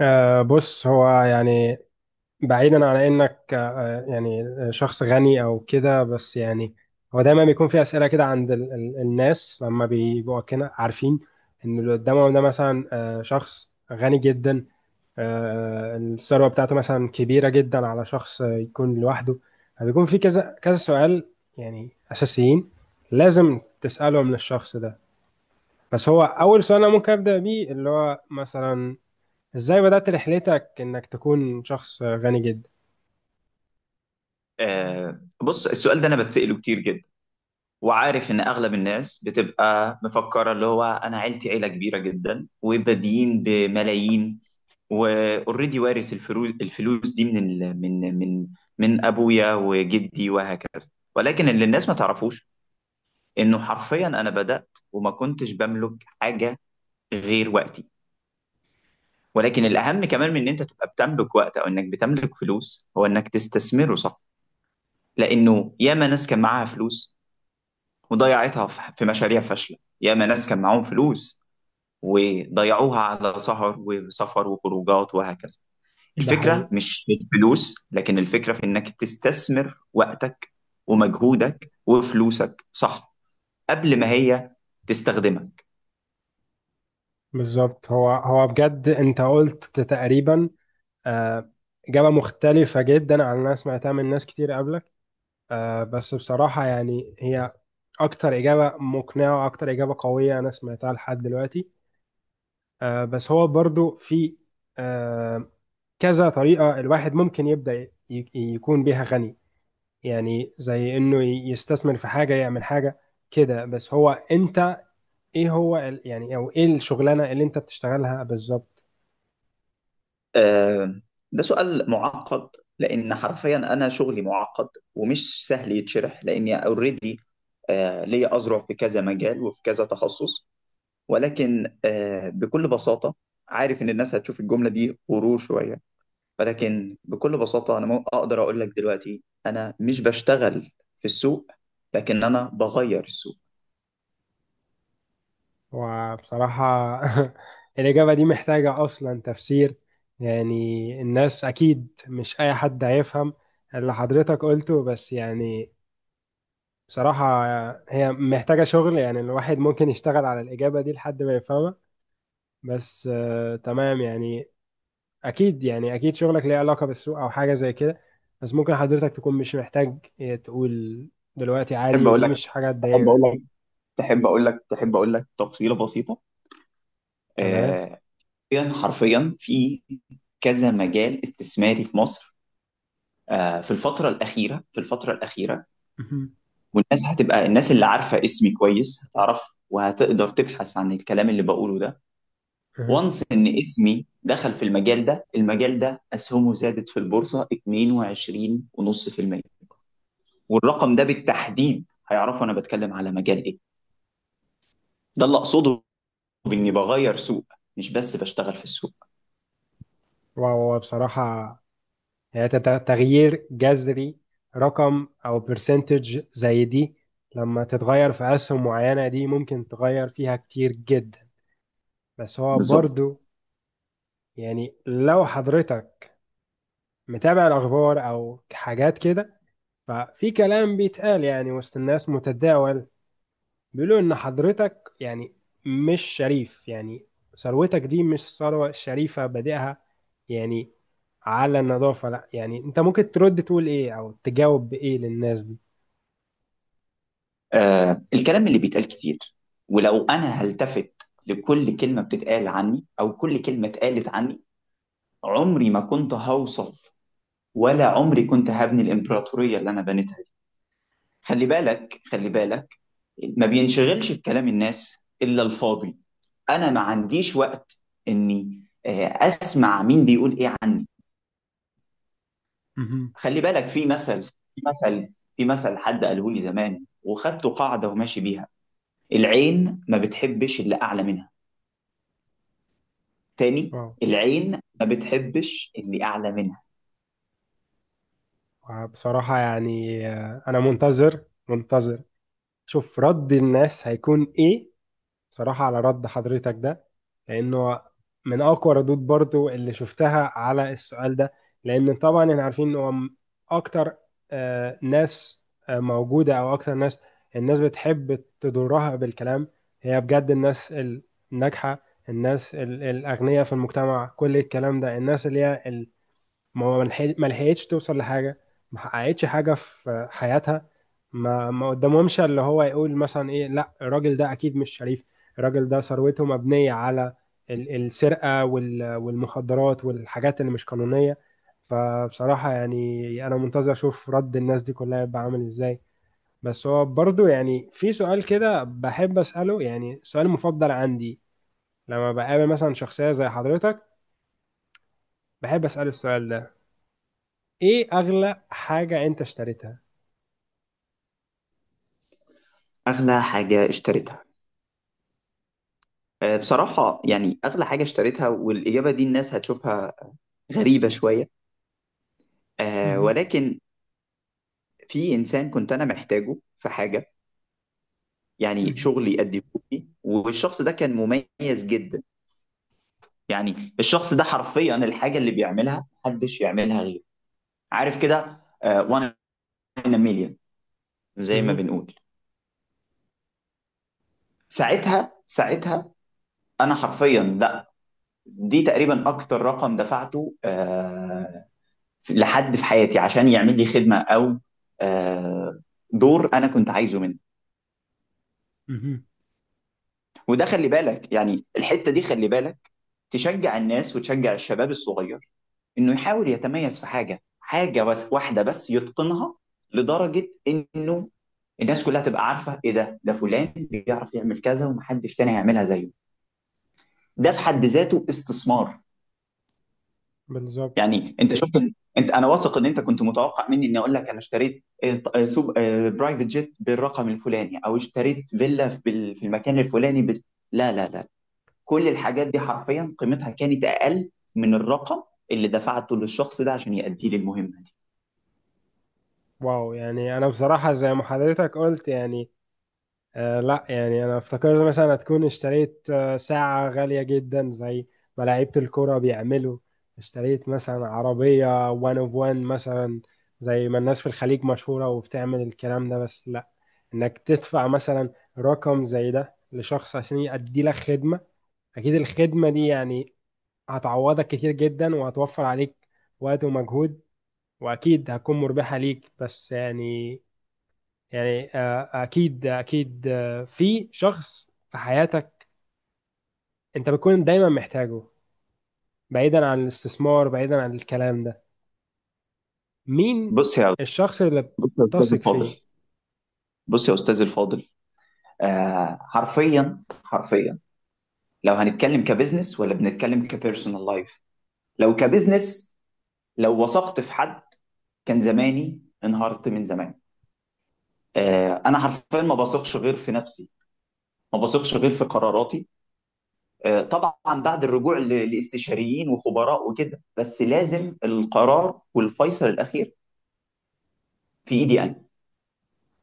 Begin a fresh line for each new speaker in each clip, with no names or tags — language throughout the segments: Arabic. بص هو يعني بعيدا عن انك يعني شخص غني او كده بس يعني هو دايما بيكون في اسئله كده عند ال الناس لما بيبقوا كده عارفين ان اللي قدامهم ده مثلا شخص غني جدا، الثروه بتاعته مثلا كبيره جدا على شخص يكون لوحده. فبيكون في كذا كذا سؤال يعني اساسيين لازم تسالهم للشخص ده. بس هو اول سؤال انا ممكن ابدا بيه اللي هو مثلا، ازاي بدأت رحلتك انك تكون شخص غني جدا؟
بص السؤال ده انا بتسأله كتير جدا، وعارف ان اغلب الناس بتبقى مفكره اللي هو انا عيلتي عيله كبيره جدا وبادئين بملايين واوريدي وارث الفلوس دي من ال... من من من ابويا وجدي وهكذا. ولكن اللي الناس ما تعرفوش انه حرفيا انا بدأت وما كنتش بملك حاجه غير وقتي. ولكن الاهم كمان من ان انت تبقى بتملك وقت او انك بتملك فلوس هو انك تستثمره صح. لانه ياما ناس كان معاها فلوس وضيعتها في مشاريع فاشلة، ياما ناس كان معاهم فلوس وضيعوها على سهر وسفر وخروجات وهكذا.
ده حقيقي.
الفكرة مش في الفلوس، لكن الفكرة في إنك تستثمر وقتك ومجهودك وفلوسك صح قبل ما هي تستخدمك.
بالظبط، هو هو بجد انت قلت تقريبا آه، إجابة مختلفة جدا عن اللي انا سمعتها من ناس كتير قبلك. بس بصراحة يعني هي اكتر إجابة مقنعة واكتر إجابة قوية انا سمعتها لحد دلوقتي. بس هو برضو في آه، كذا طريقة الواحد ممكن يبدأ يكون بيها غني، يعني زي انه يستثمر في حاجة يعمل حاجة كده. بس هو انت ايه هو يعني، او ايه الشغلانة اللي انت بتشتغلها بالظبط؟
آه ده سؤال معقد، لأن حرفيا أنا شغلي معقد ومش سهل يتشرح، لأني أوريدي ليا أذرع في كذا مجال وفي كذا تخصص. ولكن بكل بساطة، عارف إن الناس هتشوف الجملة دي غرور شوية، ولكن بكل بساطة أنا أقدر أقول لك دلوقتي أنا مش بشتغل في السوق، لكن أنا بغير السوق.
وبصراحة الإجابة دي محتاجة أصلا تفسير، يعني الناس أكيد مش أي حد هيفهم اللي حضرتك قلته. بس يعني بصراحة هي محتاجة شغل، يعني الواحد ممكن يشتغل على الإجابة دي لحد ما يفهمها. بس تمام يعني، أكيد يعني أكيد شغلك ليه علاقة بالسوق أو حاجة زي كده، بس ممكن حضرتك تكون مش محتاج تقول دلوقتي
تحب
عادي،
أقول
ودي
لك،
مش حاجة
تحب أقول
تضايقنا.
لك تحب أقول لك تحب أقول لك تفصيلة بسيطة.
تمام.
آه، حرفيا حرفيا في كذا مجال استثماري في مصر، في الفترة الأخيرة
مهم.
والناس هتبقى الناس اللي عارفة اسمي كويس هتعرف وهتقدر تبحث عن الكلام اللي بقوله ده.
مهم.
وانس ان اسمي دخل في المجال ده اسهمه زادت في البورصه 22.5%. والرقم ده بالتحديد هيعرفوا انا بتكلم على مجال ايه. ده اللي اقصده، باني بغير سوق مش بس بشتغل في السوق.
وهو بصراحة يعني تغيير جذري، رقم أو برسنتج زي دي لما تتغير في أسهم معينة دي ممكن تغير فيها كتير جدا. بس هو
بالظبط.
برضو يعني، لو حضرتك متابع الأخبار أو حاجات كده ففي كلام بيتقال يعني وسط الناس متداول، بيقولوا إن حضرتك يعني مش شريف، يعني ثروتك دي مش ثروة شريفة بادئها يعني على النظافة. لا يعني، انت ممكن ترد تقول ايه او تجاوب بايه للناس دي؟
الكلام اللي بيتقال كتير، ولو انا هلتفت لكل كلمه بتتقال عني او كل كلمه اتقالت عني، عمري ما كنت هوصل ولا عمري كنت هبني الامبراطوريه اللي انا بنيتها دي. خلي بالك، ما بينشغلش بكلام الناس الا الفاضي. انا ما عنديش وقت اني اسمع مين بيقول ايه عني.
مهم.
خلي بالك في مثل حد قاله لي زمان وخدته قاعده وماشي بيها: العين ما بتحبش اللي اعلى منها. تاني،
اه
العين ما بتحبش اللي اعلى منها.
بصراحة يعني انا منتظر منتظر شوف رد الناس هيكون ايه صراحة على رد حضرتك ده، لأنه من أقوى ردود برضو اللي شفتها على السؤال ده. لأن طبعا احنا عارفين إن هو أكتر ناس موجودة أو أكتر ناس، الناس بتحب تضرها بالكلام. هي بجد الناس الناجحة، الناس الأغنياء في المجتمع، كل الكلام ده الناس اللي هي ما هو ملحق- ما لحقتش توصل لحاجة، ما حققتش حاجة في حياتها، ما ما قدامهمش اللي هو يقول مثلا ايه. لا الراجل ده اكيد مش شريف، الراجل ده ثروته مبنية على السرقة والمخدرات والحاجات اللي مش قانونية. فبصراحة يعني انا منتظر اشوف رد الناس دي كلها يبقى عامل ازاي. بس هو برضو يعني في سؤال كده بحب اسأله، يعني سؤال مفضل عندي لما بقابل مثلا شخصية زي حضرتك بحب اسأله السؤال ده. ايه اغلى حاجة انت اشتريتها؟
اغلى حاجه اشتريتها؟ بصراحه يعني اغلى حاجه اشتريتها، والاجابه دي الناس هتشوفها غريبه شويه،
مهم.
ولكن في انسان كنت انا محتاجه في حاجه، يعني
مهم.
شغل يأديهولي، والشخص ده كان مميز جدا. يعني الشخص ده حرفيا الحاجة اللي بيعملها محدش يعملها غيره، عارف كده. وان 1000000، زي ما
مهم.
بنقول، ساعتها، انا حرفيا، لا، دي تقريبا اكتر رقم دفعته لحد في حياتي عشان يعمل لي خدمة او آه، دور انا كنت عايزه منه.
مهم.
وده خلي بالك يعني الحتة دي خلي بالك تشجع الناس وتشجع الشباب الصغير انه يحاول يتميز في حاجه، حاجه بس واحده بس يتقنها، لدرجه انه الناس كلها تبقى عارفه. ايه ده؟ ده فلان بيعرف يعمل كذا ومحدش تاني هيعملها زيه. ده في حد ذاته استثمار.
بالظبط.
يعني انت شفت، انت انا واثق ان انت كنت متوقع مني اني اقول لك انا اشتريت، سوب برايفت جيت بالرقم الفلاني، او اشتريت فيلا في في المكان الفلاني لا لا لا، كل الحاجات دي حرفيا قيمتها كانت اقل من الرقم اللي دفعته للشخص ده عشان يأدي لي المهمه دي.
واو يعني، انا بصراحة زي ما حضرتك قلت يعني لا، يعني انا افتكرت مثلا هتكون اشتريت ساعة غالية جدا زي ما لعيبة الكرة بيعملوا، اشتريت مثلا عربية وان اوف وان مثلا زي ما الناس في الخليج مشهورة وبتعمل الكلام ده. بس لا، انك تدفع مثلا رقم زي ده لشخص عشان يأدي لك خدمة، اكيد الخدمة دي يعني هتعوضك كتير جدا وهتوفر عليك وقت ومجهود، واكيد هتكون مربحة ليك. بس يعني، يعني اكيد اكيد في شخص في حياتك انت بتكون دايما محتاجه، بعيدا عن الاستثمار، بعيدا عن الكلام ده، مين
بص يا
الشخص اللي
بص يا استاذ
بتثق
الفاضل،
فيه؟
بص يا استاذ الفاضل آه حرفيا حرفيا، لو هنتكلم كبزنس ولا بنتكلم كبيرسونال لايف؟ لو كبزنس، لو وثقت في حد كان زماني انهارت من زمان. آه انا حرفيا ما بثقش غير في نفسي، ما بثقش غير في قراراتي. آه طبعا بعد الرجوع لاستشاريين وخبراء وكده، بس لازم القرار والفيصل الاخير في ايدي انا.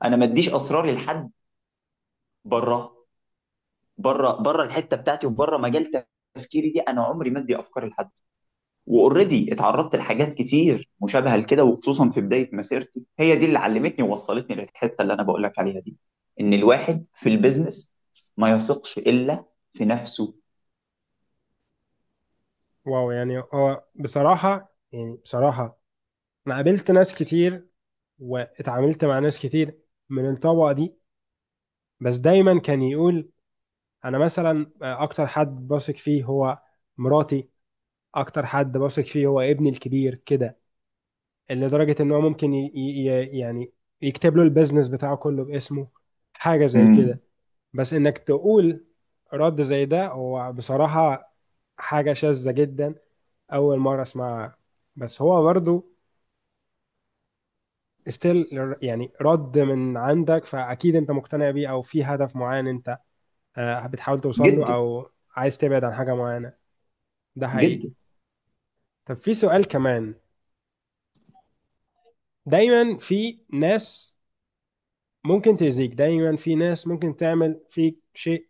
انا ما اديش اسراري لحد بره، الحته بتاعتي وبره مجال تفكيري دي. انا عمري ما ادي افكار لحد. واوريدي اتعرضت لحاجات كتير مشابهه لكده، وخصوصا في بدايه مسيرتي، هي دي اللي علمتني ووصلتني للحته اللي انا بقول لك عليها دي، ان الواحد في البيزنس ما يثقش الا في نفسه.
واو، يعني هو بصراحة يعني، بصراحة انا قابلت ناس كتير واتعاملت مع ناس كتير من الطبقة دي، بس دايما كان يقول انا مثلا اكتر حد بثق فيه هو مراتي، اكتر حد بثق فيه هو ابني الكبير كده، لدرجة ان هو ممكن يعني يكتب له البيزنس بتاعه كله باسمه، حاجة زي
امم
كده. بس انك تقول رد زي ده هو بصراحة حاجة شاذة جدا، اول مرة اسمعها. بس هو برضو استيل يعني رد من عندك، فاكيد انت مقتنع بيه او في هدف معين انت بتحاول توصل له،
جدا،
او عايز تبعد عن حاجة معينة. ده حقيقي.
جدا.
طب في سؤال كمان، دايما في ناس ممكن تأذيك، دايما في ناس ممكن تعمل فيك شيء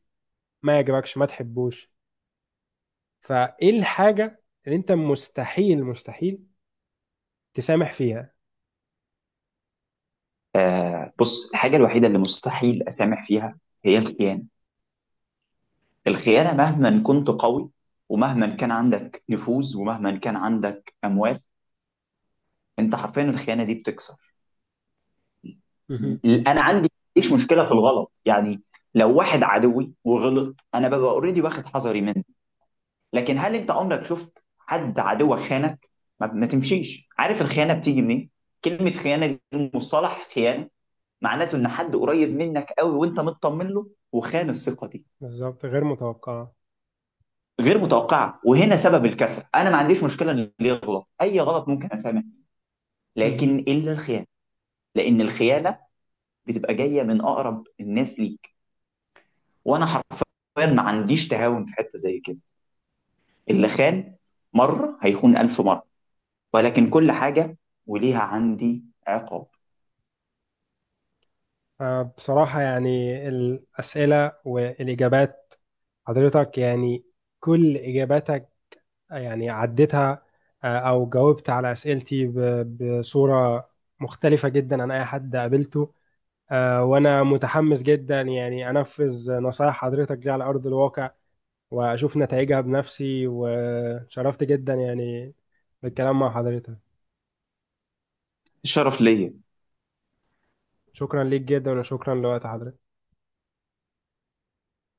ما يعجبكش، ما تحبوش، فايه الحاجة اللي انت مستحيل مستحيل تسامح فيها؟
آه بص الحاجه الوحيده اللي مستحيل اسامح فيها هي الخيانه. الخيانه مهما كنت قوي ومهما كان عندك نفوذ ومهما كان عندك اموال، انت حرفيا الخيانه دي بتكسر.
مهم.
انا عندي مفيش مشكله في الغلط يعني، لو واحد عدوي وغلط انا ببقى اوريدي واخد حذري منه، لكن هل انت عمرك شفت حد عدوك خانك؟ ما تمشيش. عارف الخيانه بتيجي منين؟ كلمه خيانه دي، مصطلح خيانه، معناته ان حد قريب منك قوي وانت مطمن له وخان الثقه دي.
بالظبط، غير متوقعة.
غير متوقعه، وهنا سبب الكسل. انا ما عنديش مشكله ان اللي يغلط اي غلط ممكن اسامح، لكن
مهم.
الا الخيانه. لان الخيانه بتبقى جايه من اقرب الناس ليك، وانا حرفيا ما عنديش تهاون في حته زي كده. اللي خان مره هيخون 1000 مره، ولكن كل حاجه وليها عندي عقاب.
بصراحة يعني الأسئلة والإجابات حضرتك يعني كل إجاباتك يعني عديتها أو جاوبت على أسئلتي بصورة مختلفة جدا عن أي حد قابلته. وأنا متحمس جدا يعني أنفذ نصائح حضرتك دي على أرض الواقع وأشوف نتائجها بنفسي، وشرفت جدا يعني بالكلام مع حضرتك.
الشرف ليا.
شكرا ليك جدا وشكرا لوقت حضرتك.